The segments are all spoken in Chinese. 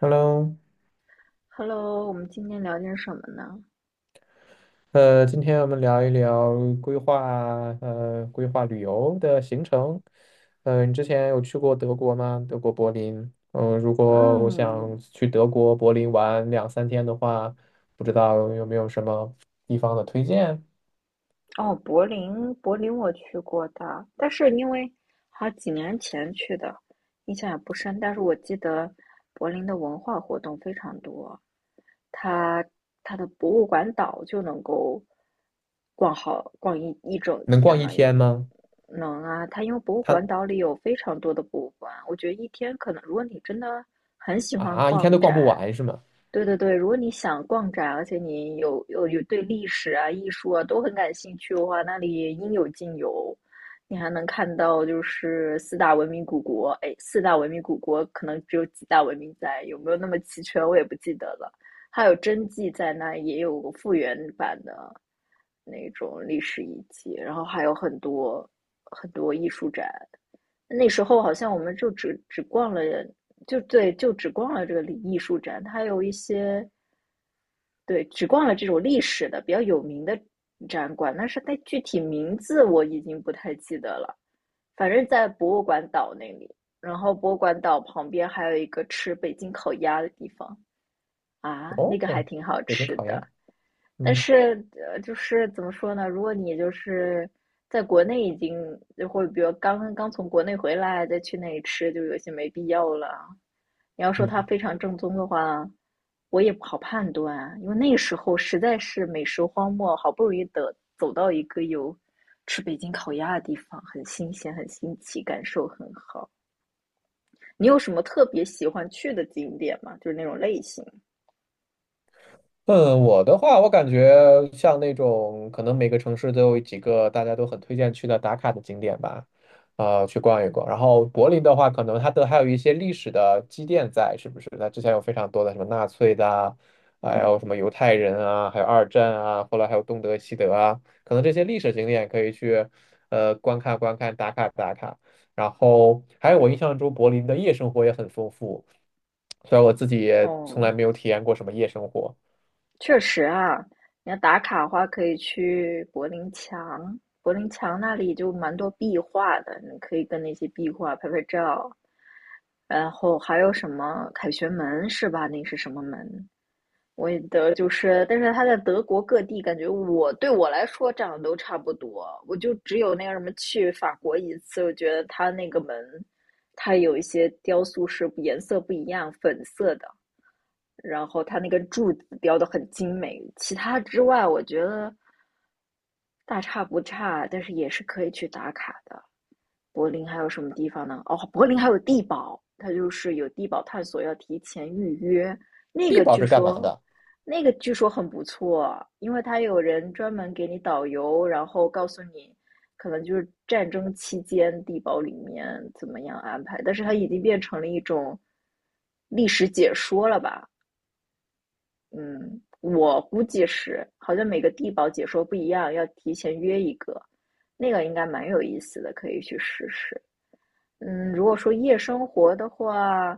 Hello，Hello，我们今天聊点什么呢？今天我们聊一聊规划旅游的行程。你之前有去过德国吗？德国柏林。嗯、如果我嗯，想去德国柏林玩2、3天的话，不知道有没有什么地方的推荐？哦，柏林我去过的，但是因为好几年前去的，印象也不深。但是我记得柏林的文化活动非常多，它它的博物馆岛就能够逛一整能天逛一了，天吗？能啊，它因为博物他馆岛里有非常多的博物馆，我觉得一天可能，如果你真的很喜欢啊，一天逛都逛不展，完是吗？对对对，如果你想逛展，而且你有对历史啊、艺术啊都很感兴趣的话，那里应有尽有。你还能看到就是四大文明古国，哎，四大文明古国可能只有几大文明在，有没有那么齐全我也不记得了。还有真迹在那，也有个复原版的那种历史遗迹，然后还有很多很多艺术展。那时候好像我们就只逛了，就对，就只逛了这个艺术展，它有一些对，只逛了这种历史的比较有名的展馆，但是它具体名字我已经不太记得了，反正在博物馆岛那里。然后博物馆岛旁边还有一个吃北京烤鸭的地方啊，那哦，个还挺好北京吃烤鸭。的。但嗯是，就是怎么说呢？如果你就是在国内已经，就会比如刚刚从国内回来，再去那里吃，就有些没必要了。你要说它嗯非常正宗的话，我也不好判断啊，因为那时候实在是美食荒漠，好不容易的走到一个有吃北京烤鸭的地方，很新鲜，很新奇，感受很好。你有什么特别喜欢去的景点吗？就是那种类型。嗯，我的话，我感觉像那种可能每个城市都有几个大家都很推荐去的打卡的景点吧，去逛一逛。然后柏林的话，可能它都还有一些历史的积淀在，是不是？那之前有非常多的什么纳粹的啊，还有什么犹太人啊，还有二战啊，后来还有东德、西德啊，可能这些历史景点可以去观看观看，打卡打卡。然后还有我印象中柏林的夜生活也很丰富，虽然我自己也从来哦，没有体验过什么夜生活。确实啊，你要打卡的话，可以去柏林墙，柏林墙那里就蛮多壁画的，你可以跟那些壁画拍拍照。然后还有什么凯旋门是吧？那是什么门？我也得就是，但是它在德国各地，感觉我对我来说长得都差不多。我就只有那个什么去法国一次，我觉得它那个门，它有一些雕塑是颜色不一样，粉色的。然后它那个柱子雕得很精美。其他之外，我觉得大差不差，但是也是可以去打卡的。柏林还有什么地方呢？哦，柏林还有地堡，它就是有地堡探索，要提前预约。那地个堡据是干嘛说，的？那个据说很不错，因为它有人专门给你导游，然后告诉你，可能就是战争期间地堡里面怎么样安排。但是它已经变成了一种历史解说了吧？嗯，我估计是，好像每个地堡解说不一样，要提前约一个，那个应该蛮有意思的，可以去试试。嗯，如果说夜生活的话，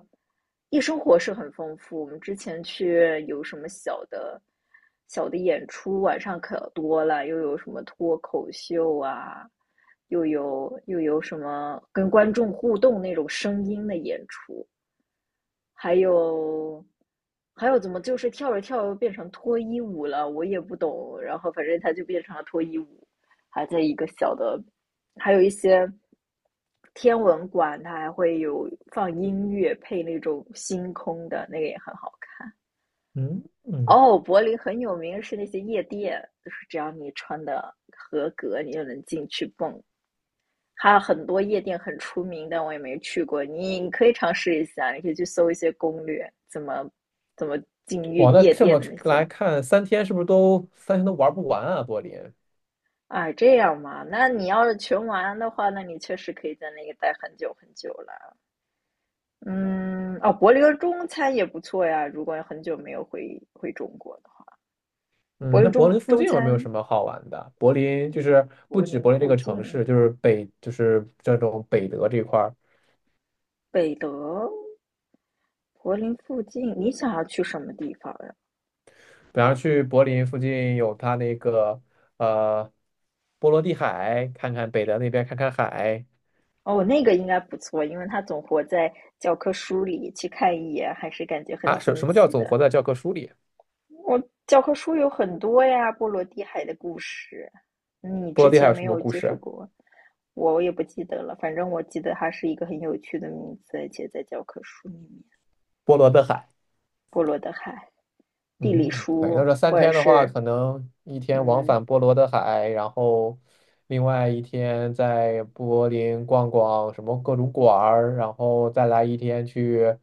夜生活是很丰富。我们之前去有什么小的演出，晚上可多了，又有什么脱口秀啊，又有什么跟观众互动那种声音的演出，还有还有怎么就是跳着跳着变成脱衣舞了，我也不懂。然后反正它就变成了脱衣舞，还在一个小的，还有一些天文馆，它还会有放音乐配那种星空的，那个也很好看。嗯嗯，哦，柏林很有名是那些夜店，就是只要你穿的合格，你就能进去蹦。还有很多夜店很出名，但我也没去过。你可以尝试一下，你可以去搜一些攻略，怎么进夜哇，那夜这店么的那些。来看，三天是不是都三天都玩不完啊？柏林，啊，这样嘛？那你要是全玩的话，那你确实可以在那个待很久很久了。嗯，哦，柏林中餐也不错呀。如果很久没有回中国的话，柏嗯，林那柏中林附中近有没有什餐，么好玩的？柏林就是不柏止林柏林这附个城近，市，就是北就是这种北德这块儿，北德，柏林附近，你想要去什么地方呀？比方去柏林附近有它那个呃波罗的海，看看北德那边看看海哦，那个应该不错，因为它总活在教科书里，去看一眼还是感觉很啊，什新什么叫奇总的。活在教科书里？我教科书有很多呀，波罗的海的故事，你波之罗的海前有没什么有故接触事？过，我也不记得了。反正我记得它是一个很有趣的名字，而且在教科书里面，波罗的海。波罗的海、地理嗯，可以。那书，这三或者天的话，是可能一天往嗯返波罗的海，然后另外一天在柏林逛逛什么各种馆儿，然后再来一天去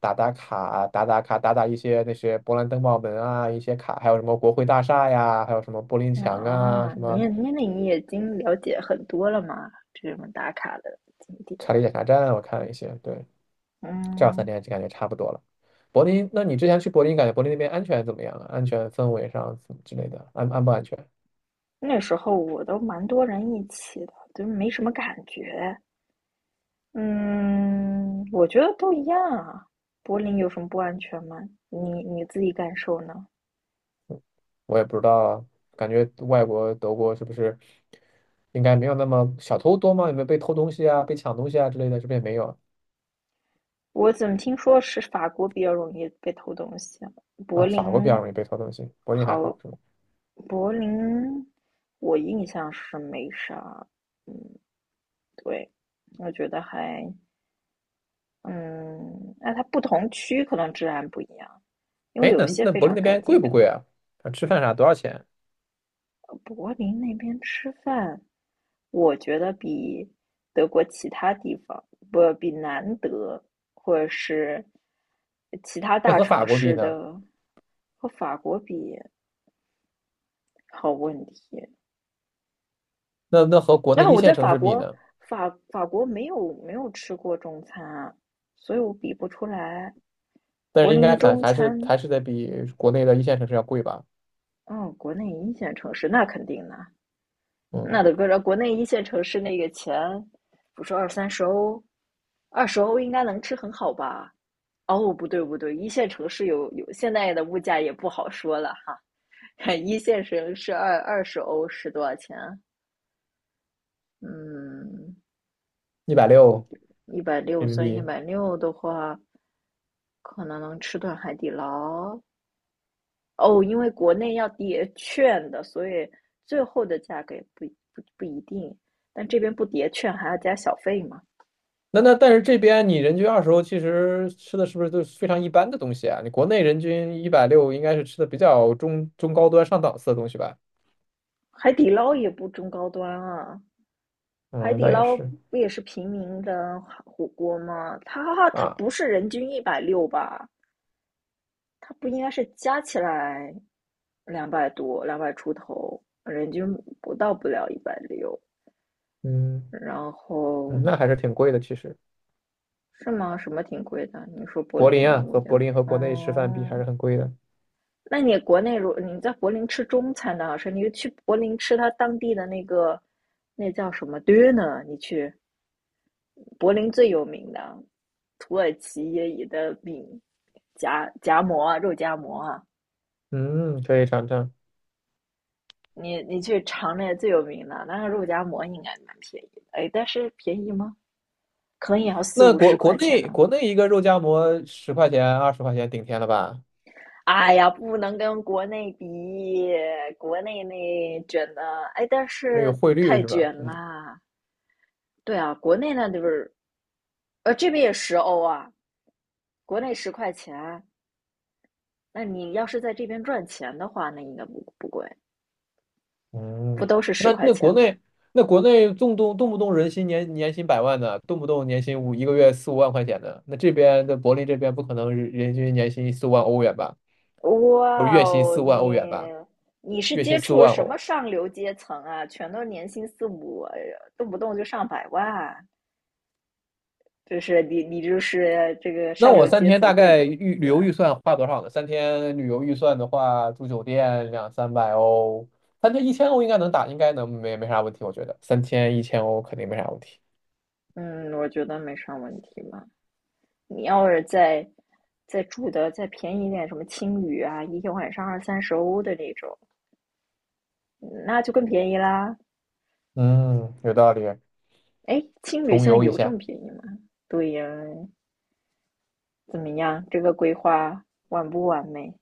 打打卡、打打卡、打打一些那些勃兰登堡门啊，一些卡，还有什么国会大厦呀，还有什么柏林墙啊，啊，什你么也你那你已经了解很多了嘛？这种打卡的景点，查理检查站，我看了一些。对，这样三嗯。天就感觉差不多了。柏林，那你之前去柏林，感觉柏林那边安全怎么样啊？安全氛围上之类的，安不安全？那时候我都蛮多人一起的，就是没什么感觉。嗯，我觉得都一样啊。柏林有什么不安全吗？你自己感受呢？我也不知道啊，感觉外国德国是不是应该没有那么小偷多吗？有没有被偷东西啊、被抢东西啊之类的？这边也没有啊？我怎么听说是法国比较容易被偷东西啊？柏啊法国比较林容易被偷东西，柏林还好，好是吗？柏林我印象是没啥。嗯，对，我觉得还嗯，那它不同区可能治安不一样，因为哎，有那些那非柏林常那干边贵净，不治贵安。啊？啊吃饭啥多少钱？柏林那边吃饭，我觉得比德国其他地方，不，比南德或者是其他那大和法城国比市呢？的和法国比，好问题。那和国内啊，一我在线城法市比国，呢？法国没有吃过中餐啊，所以我比不出来。但柏是应林的该还中还是餐，还是得比国内的一线城市要贵吧？嗯，国内一线城市那肯定的。那嗯，得搁着国内一线城市那个钱，不说二三十欧，二十欧应该能吃很好吧？哦，不对不对，一线城市现在的物价也不好说了哈。一线城市二十欧是多少钱？嗯，一百六一百六人民算一币。百六的话，可能能吃顿海底捞。哦，因为国内要叠券的，所以最后的价格也不一定。但这边不叠券还要加小费嘛？那但是这边你人均20欧，其实吃的是不是都是非常一般的东西啊？你国内人均一百六，应该是吃的比较中高端上档次的东西吧？海底捞也不中高端啊，海嗯，底倒也捞是不也是平民的火锅吗？它啊，不是人均一百六吧？它不应该是加起来200多、200出头，人均不了一百六。嗯然后嗯，那还是挺贵的。其实是吗？什么挺贵的？你说柏柏林林的啊，物和价？柏林和国内吃饭比还哦，是很贵的。那你国内如你在柏林吃中餐的好吃，你去柏林吃它当地的那个那叫什么 döner，你去。柏林最有名的土耳其也有的饼，夹夹馍啊肉夹馍啊，嗯，可以尝尝。你去尝那最有名的，那个肉夹馍应该蛮便宜的，哎，但是便宜吗？可能也要四那五十国国块钱内呢。国内一个肉夹馍十块钱20块钱顶天了吧？哎呀，不能跟国内比，国内那卷的，哎，但因为有是汇率太是吧？卷嗯啦。对啊，国内那就是，这边也十欧啊，国内十块钱，那你要是在这边赚钱的话，那应该不贵，不嗯，都是十那块那国钱吗？内国内动不动人薪年年薪百万的，动不动年薪五一个月4、5万块钱的，那这边的柏林这边不可能人均年薪四五万欧元吧，不是哇月薪哦，四五万欧元你吧，你是月薪接四五触万什么欧。上流阶层啊？全都年薪四五，哎呀动不动就上百万，就是你就是这个那上流我三阶天层大贵概公旅子。游预算花多少呢？三天旅游预算的话，住酒店2、300欧，三天一千欧应该能打，应该能没啥问题，我觉得三天一千欧肯定没啥问题。嗯，我觉得没啥问题嘛。你要是再住的再便宜一点，什么青旅啊，一个晚上二三十欧的那种，那就更便宜啦。嗯，有道理，哎，青旅穷现在游一有这下。么便宜吗？对呀，怎么样？这个规划完不完美？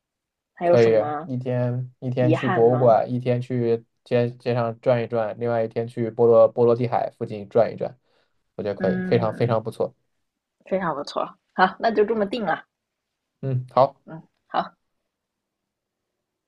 还有可什以么一天一天遗去憾博物吗？馆，一天去街上转一转，另外一天去波罗的海附近转一转，我觉得可以，非常非嗯，常不错。非常不错。好，那就这么定了。嗯，好。嗯，好。